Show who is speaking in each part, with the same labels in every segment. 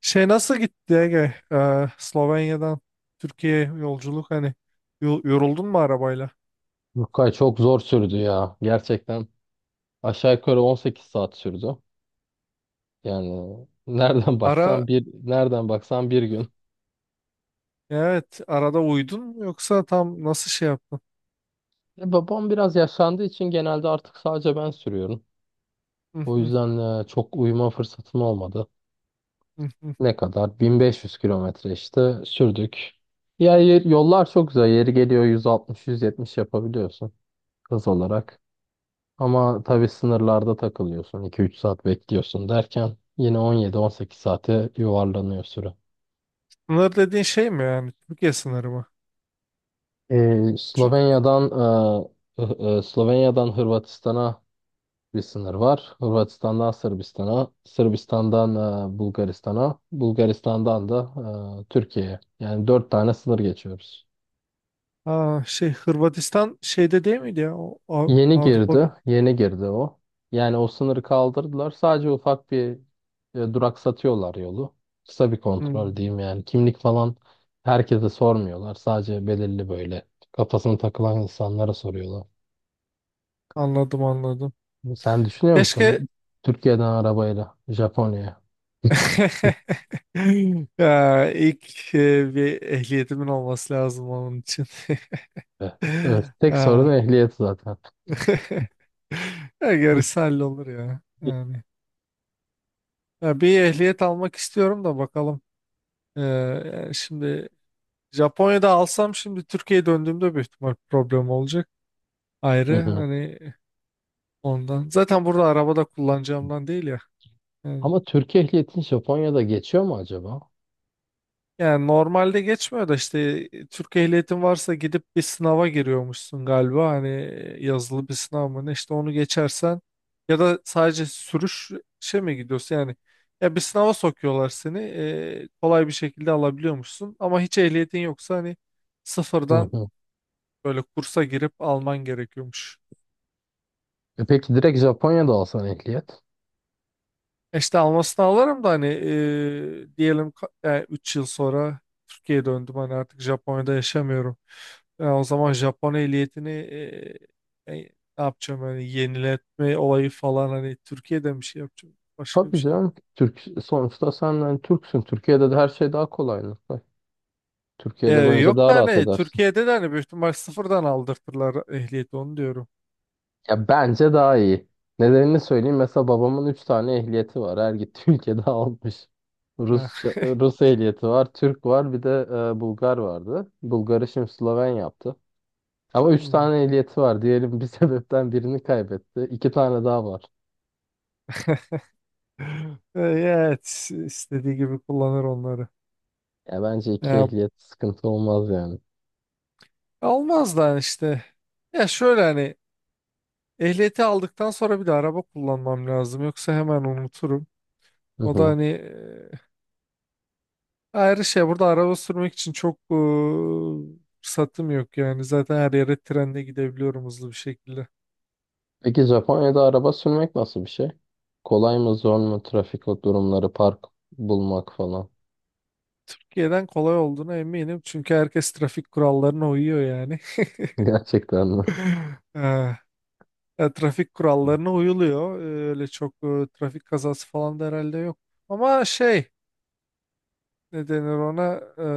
Speaker 1: Şey nasıl gitti Ege? Slovenya'dan Türkiye'ye yolculuk hani yoruldun mu arabayla?
Speaker 2: Rukay çok zor sürdü ya. Gerçekten aşağı yukarı 18 saat sürdü. Yani nereden
Speaker 1: Ara
Speaker 2: baksan bir gün.
Speaker 1: evet, arada uyudun mu yoksa tam nasıl şey yaptın?
Speaker 2: Babam biraz yaşlandığı için genelde artık sadece ben sürüyorum.
Speaker 1: Hı
Speaker 2: O
Speaker 1: hı.
Speaker 2: yüzden çok uyuma fırsatım olmadı.
Speaker 1: Hı hı.
Speaker 2: Ne kadar? 1500 kilometre işte sürdük. Ya yollar çok güzel. Yeri geliyor 160-170 yapabiliyorsun hız olarak. Ama tabii sınırlarda takılıyorsun. İki üç saat bekliyorsun derken yine 17-18 saate yuvarlanıyor süre.
Speaker 1: Sınır dediğin şey mi, yani Türkiye sınırı mı? Çü-
Speaker 2: Slovenya'dan e, Slovenya'dan Hırvatistan'a bir sınır var. Hırvatistan'dan Sırbistan'a, Sırbistan'dan Bulgaristan'a, Bulgaristan'dan da Türkiye'ye. Yani dört tane sınır geçiyoruz.
Speaker 1: Aa, şey Hırvatistan şeyde değil miydi ya? O,
Speaker 2: Yeni
Speaker 1: Avrupa.
Speaker 2: girdi, yeni girdi o. Yani o sınırı kaldırdılar. Sadece ufak bir duraksatıyorlar yolu. Kısa bir kontrol
Speaker 1: Hmm.
Speaker 2: diyeyim yani. Kimlik falan herkese sormuyorlar. Sadece belirli böyle kafasına takılan insanlara soruyorlar.
Speaker 1: Anladım, anladım.
Speaker 2: Sen düşünüyor
Speaker 1: Keşke.
Speaker 2: musun? Türkiye'den arabayla Japonya'ya.
Speaker 1: ya, ilk bir ehliyetimin olması lazım onun için.
Speaker 2: Evet. Evet. Tek
Speaker 1: Ee,
Speaker 2: sorun ehliyet zaten.
Speaker 1: Ya
Speaker 2: Hı
Speaker 1: gerisi hallolur ya. Yani. Ya bir ehliyet almak istiyorum da bakalım. Şimdi Japonya'da alsam şimdi Türkiye'ye döndüğümde büyük ihtimal problem olacak.
Speaker 2: hı.
Speaker 1: Ayrı
Speaker 2: Hı.
Speaker 1: hani ondan. Zaten burada arabada kullanacağımdan değil ya. Yani.
Speaker 2: Ama Türkiye ehliyetin Japonya'da geçiyor mu acaba?
Speaker 1: Yani normalde geçmiyor da işte Türk ehliyetin varsa gidip bir sınava giriyormuşsun galiba. Hani yazılı bir sınav mı ne işte, onu geçersen ya da sadece sürüş şey mi gidiyorsun yani, ya bir sınava sokuyorlar seni, kolay bir şekilde alabiliyormuşsun ama hiç ehliyetin yoksa hani
Speaker 2: Hı
Speaker 1: sıfırdan
Speaker 2: hı.
Speaker 1: böyle kursa girip alman gerekiyormuş.
Speaker 2: E peki direkt Japonya'da alsan ehliyet?
Speaker 1: İşte almasını alırım da hani diyelim 3 yıl sonra Türkiye'ye döndüm, hani artık Japonya'da yaşamıyorum. O zaman Japon ehliyetini e, ne yapacağım? Hani yeniletme olayı falan hani Türkiye'de mi şey yapacağım, başka bir
Speaker 2: Tabii
Speaker 1: şey.
Speaker 2: canım. Türk, sonuçta sen yani Türksün. Türkiye'de de her şey daha kolay. Nurkay. Türkiye'de bence
Speaker 1: Yok
Speaker 2: daha
Speaker 1: da
Speaker 2: rahat
Speaker 1: hani
Speaker 2: edersin.
Speaker 1: Türkiye'de de hani büyük ihtimal sıfırdan aldırtırlar ehliyeti, onu diyorum.
Speaker 2: Ya bence daha iyi. Nedenini söyleyeyim. Mesela babamın 3 tane ehliyeti var. Her gittiği ülkede almış.
Speaker 1: Ah,
Speaker 2: Rusça, Rus ehliyeti var, Türk var, bir de Bulgar vardı. Bulgar'ı şimdi Sloven yaptı. Ama üç
Speaker 1: hmm.
Speaker 2: tane ehliyeti var. Diyelim bir sebepten birini kaybetti. 2 tane daha var.
Speaker 1: Evet, istediği gibi kullanır onları.
Speaker 2: Ya bence iki
Speaker 1: Ya,
Speaker 2: ehliyet sıkıntı olmaz yani.
Speaker 1: olmaz da hani işte. Ya şöyle hani, ehliyeti aldıktan sonra bir de araba kullanmam lazım. Yoksa hemen unuturum.
Speaker 2: Hı
Speaker 1: O da
Speaker 2: hı.
Speaker 1: hani ayrı şey. Burada araba sürmek için çok fırsatım yok yani. Zaten her yere trenle gidebiliyorum hızlı bir şekilde.
Speaker 2: Peki Japonya'da araba sürmek nasıl bir şey? Kolay mı, zor mu? Trafik durumları, park bulmak falan.
Speaker 1: Türkiye'den kolay olduğuna eminim. Çünkü herkes trafik kurallarına uyuyor yani.
Speaker 2: Gerçekten mi?
Speaker 1: Eh, Ya trafik kurallarına uyuluyor. Öyle çok trafik kazası falan da herhalde yok. Ama şey, ne denir ona? E,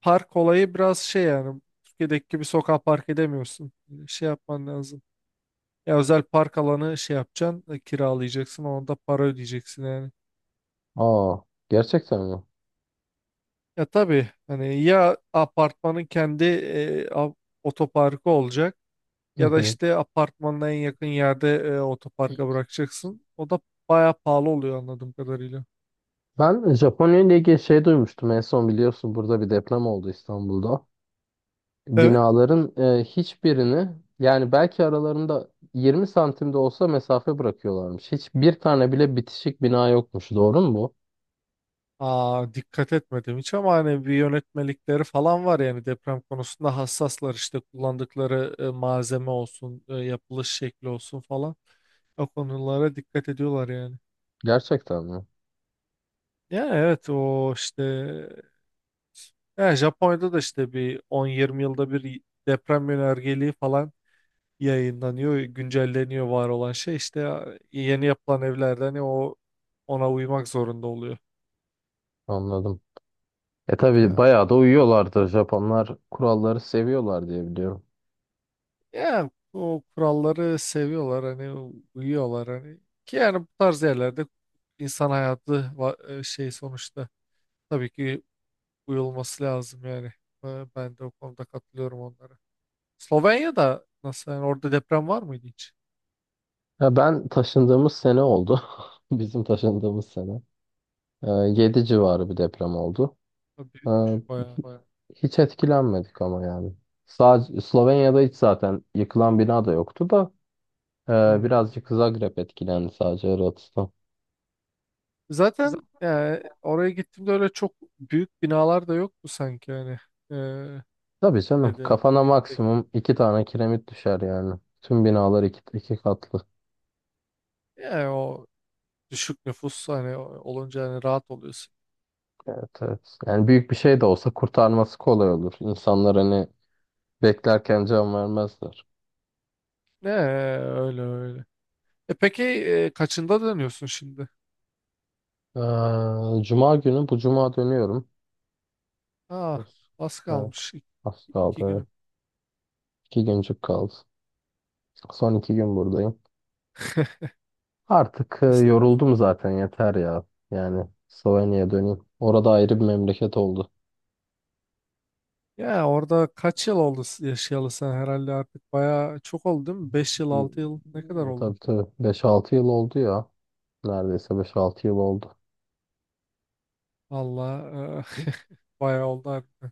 Speaker 1: Park olayı biraz şey, yani Türkiye'deki gibi sokağa park edemiyorsun. Şey yapman lazım. Ya özel park alanı şey yapacaksın, kiralayacaksın, onda para ödeyeceksin yani.
Speaker 2: Aa, gerçekten mi?
Speaker 1: Ya tabii hani, ya apartmanın kendi otoparkı olacak
Speaker 2: Hı
Speaker 1: ya da
Speaker 2: hı.
Speaker 1: işte apartmanına en yakın yerde otoparka bırakacaksın. O da bayağı pahalı oluyor anladığım kadarıyla.
Speaker 2: Ben Japonya ile ilgili şey duymuştum en son, biliyorsun burada bir deprem oldu İstanbul'da.
Speaker 1: Evet.
Speaker 2: Binaların hiçbirini yani belki aralarında 20 santim de olsa mesafe bırakıyorlarmış. Hiçbir tane bile bitişik bina yokmuş. Doğru mu bu?
Speaker 1: Aa, dikkat etmedim hiç ama hani bir yönetmelikleri falan var yani, deprem konusunda hassaslar, işte kullandıkları malzeme olsun, yapılış şekli olsun falan. O konulara dikkat ediyorlar yani.
Speaker 2: Gerçekten mi?
Speaker 1: Ya evet, o işte, ya Japonya'da da işte bir 10 20 yılda bir deprem yönergeliği falan yayınlanıyor, güncelleniyor var olan şey, işte ya, yeni yapılan evlerde hani o, ona uymak zorunda oluyor.
Speaker 2: Anladım. E tabii bayağı da uyuyorlardır. Japonlar kuralları seviyorlar diye biliyorum.
Speaker 1: Ya o kuralları seviyorlar, hani uyuyorlar hani, ki yani bu tarz yerlerde insan hayatı şey sonuçta, tabii ki uyulması lazım yani. Ben de o konuda katılıyorum onlara. Slovenya'da nasıl yani, orada deprem var mıydı hiç?
Speaker 2: Ya ben taşındığımız sene oldu. Bizim taşındığımız sene. 7 civarı bir deprem oldu.
Speaker 1: O
Speaker 2: Ha,
Speaker 1: büyükmüş bayağı.
Speaker 2: Baya- hiç etkilenmedik ama yani. Sadece Slovenya'da hiç zaten yıkılan bina da yoktu da
Speaker 1: Hmm.
Speaker 2: birazcık Zagreb etkilendi, sadece Hırvatistan. Z-
Speaker 1: Zaten yani oraya gittiğimde öyle çok büyük binalar da yoktu sanki yani. E,
Speaker 2: Tabii
Speaker 1: Ne
Speaker 2: canım
Speaker 1: de
Speaker 2: kafana
Speaker 1: yüksek.
Speaker 2: maksimum iki tane kiremit düşer yani. Tüm binalar iki katlı.
Speaker 1: Yani o düşük nüfus hani olunca hani rahat oluyorsun.
Speaker 2: Evet evet. Yani büyük bir şey de olsa kurtarması kolay olur. İnsanlar hani beklerken can vermezler.
Speaker 1: Ne, öyle öyle. Peki kaçında dönüyorsun şimdi?
Speaker 2: Cuma günü bu cuma dönüyorum.
Speaker 1: Ah, az
Speaker 2: Evet.
Speaker 1: kalmış. İki,
Speaker 2: Az kaldı.
Speaker 1: iki
Speaker 2: Evet.
Speaker 1: gün.
Speaker 2: İki güncük kaldı. Son iki gün buradayım. Artık
Speaker 1: Es-
Speaker 2: yoruldum zaten, yeter ya. Yani Slovenya'ya döneyim. Orada ayrı bir memleket oldu.
Speaker 1: Ya orada kaç yıl oldu, yaşayalı sen herhalde artık bayağı çok oldu değil mi? 5 yıl, 6 yıl, ne kadar
Speaker 2: E,
Speaker 1: oldu?
Speaker 2: tabii tabii beş altı yıl oldu ya. Neredeyse beş altı yıl oldu.
Speaker 1: Valla bayağı oldu harbiden.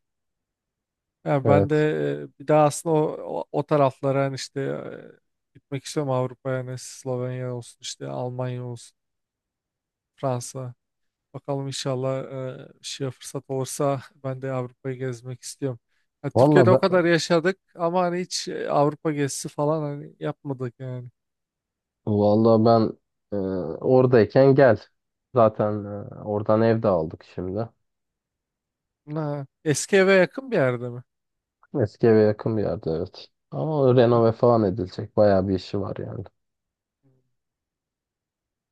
Speaker 1: Ya ben
Speaker 2: Evet.
Speaker 1: de bir daha aslında o taraflara hani işte gitmek istiyorum Avrupa'ya, hani Slovenya olsun, işte Almanya olsun, Fransa. Bakalım inşallah şey fırsat olursa ben de Avrupa'yı gezmek istiyorum. Ya Türkiye'de
Speaker 2: Valla
Speaker 1: o
Speaker 2: ben,
Speaker 1: kadar yaşadık ama hani hiç Avrupa gezisi falan hani yapmadık yani.
Speaker 2: vallahi ben e, oradayken gel. Zaten oradan ev de aldık şimdi.
Speaker 1: Ha, eski eve yakın bir yerde mi?
Speaker 2: Eski eve yakın bir yerde, evet. Ama o
Speaker 1: Hı.
Speaker 2: renove falan edilecek. Bayağı bir işi var yani.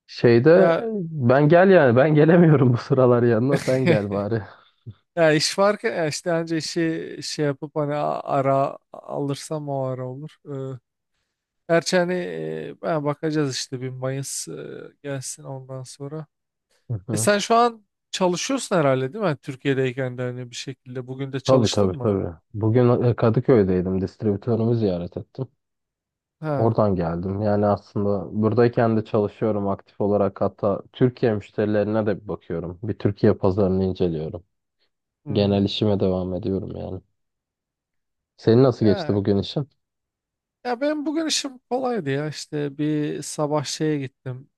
Speaker 2: Şeyde e,
Speaker 1: Ya,
Speaker 2: ben gel yani, ben gelemiyorum bu sıralar, yanına sen gel bari.
Speaker 1: ya iş varken ya işte anca işi şey yapıp hani ara alırsam o ara olur. Ee, Gerçi hani ben bakacağız işte bir Mayıs gelsin ondan sonra. E sen şu an çalışıyorsun herhalde değil mi? Hani Türkiye'deyken de hani bir şekilde bugün de
Speaker 2: Tabii
Speaker 1: çalıştın
Speaker 2: tabii
Speaker 1: mı?
Speaker 2: tabii. Bugün Kadıköy'deydim. Distribütörümü ziyaret ettim.
Speaker 1: Ha.
Speaker 2: Oradan geldim. Yani aslında buradayken de çalışıyorum aktif olarak. Hatta Türkiye müşterilerine de bir bakıyorum. Bir Türkiye pazarını inceliyorum.
Speaker 1: Hmm.
Speaker 2: Genel işime devam ediyorum yani. Senin nasıl geçti
Speaker 1: Ya,
Speaker 2: bugün işin?
Speaker 1: ya benim bugün işim kolaydı ya. İşte bir sabah şeye gittim.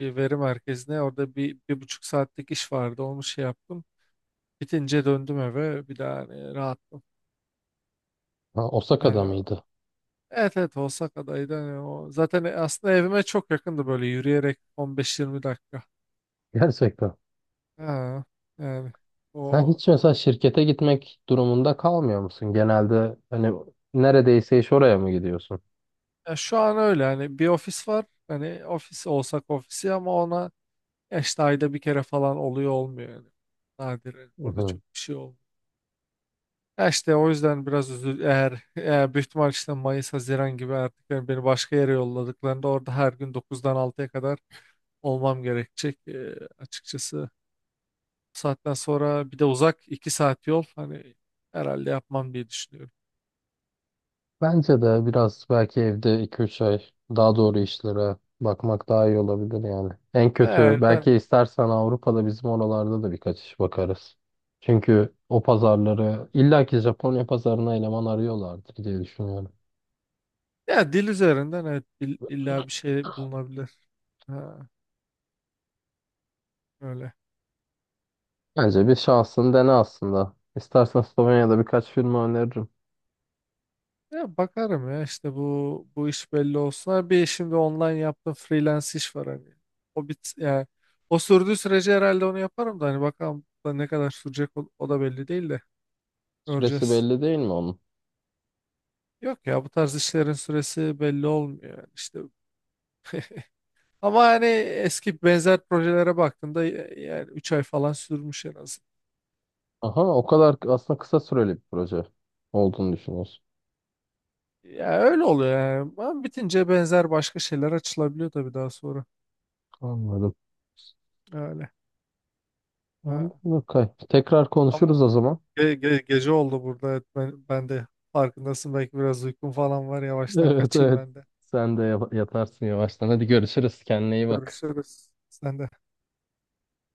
Speaker 1: Bir veri merkezine. Orada bir, bir buçuk saatlik iş vardı. Onu şey yaptım. Bitince döndüm eve. Bir daha hani rahattım.
Speaker 2: Ha, Osaka'da
Speaker 1: Yani,
Speaker 2: mıydı?
Speaker 1: evet, evet, Osaka'daydı. Hani o, zaten aslında evime çok yakındı, böyle yürüyerek 15-20 dakika.
Speaker 2: Gerçekten.
Speaker 1: Ha, yani
Speaker 2: Sen
Speaker 1: o,
Speaker 2: hiç mesela şirkete gitmek durumunda kalmıyor musun? Genelde hani neredeyse iş oraya mı gidiyorsun?
Speaker 1: ya şu an öyle. Hani bir ofis var. Hani ofis olsak ofisi ama ona, ya işte ayda bir kere falan oluyor olmuyor yani. Nadir, evet,
Speaker 2: Hı
Speaker 1: orada
Speaker 2: hı.
Speaker 1: çok bir şey olmuyor. Ya işte o yüzden biraz üzül, eğer büyük ihtimal işte Mayıs Haziran gibi artık, yani beni başka yere yolladıklarında orada her gün dokuzdan altıya kadar olmam gerekecek. Açıkçası bu saatten sonra bir de uzak 2 saat yol hani, herhalde yapmam diye düşünüyorum.
Speaker 2: Bence de biraz belki evde iki üç ay daha doğru işlere bakmak daha iyi olabilir yani. En kötü
Speaker 1: Eğer de-
Speaker 2: belki istersen Avrupa'da bizim oralarda da birkaç iş bakarız. Çünkü o pazarları illaki Japonya pazarına eleman arıyorlardır diye düşünüyorum.
Speaker 1: Ya dil üzerinden evet, illa bir şey bulunabilir. Ha, öyle.
Speaker 2: Bence bir şansın dene aslında. İstersen Slovenya'da birkaç firma öneririm.
Speaker 1: Ya bakarım ya işte bu, bu iş belli olsun. Ha, bir şimdi online yaptığım freelance iş var hani. O bit, yani o sürdüğü sürece herhalde onu yaparım da hani bakalım da ne kadar sürecek o, o da belli değil de
Speaker 2: Süresi
Speaker 1: göreceğiz.
Speaker 2: belli değil mi onun?
Speaker 1: Yok ya, bu tarz işlerin süresi belli olmuyor yani işte. Ama hani eski benzer projelere baktığımda, yani 3 ay falan sürmüş en az.
Speaker 2: Aha o kadar aslında kısa süreli bir proje olduğunu düşünüyorsun.
Speaker 1: Ya öyle oluyor yani. Ama bitince benzer başka şeyler açılabiliyor tabii daha sonra.
Speaker 2: Anladım.
Speaker 1: Öyle.
Speaker 2: Anladım.
Speaker 1: Ha.
Speaker 2: Okay. Tekrar
Speaker 1: Ama
Speaker 2: konuşuruz o zaman.
Speaker 1: gece oldu burada. Evet, ben, ben de farkındasın. Belki biraz uykum falan var. Yavaştan
Speaker 2: Evet
Speaker 1: kaçayım
Speaker 2: evet.
Speaker 1: ben de.
Speaker 2: Sen de yatarsın yavaştan. Hadi görüşürüz. Kendine iyi bak.
Speaker 1: Görüşürüz. Sen de.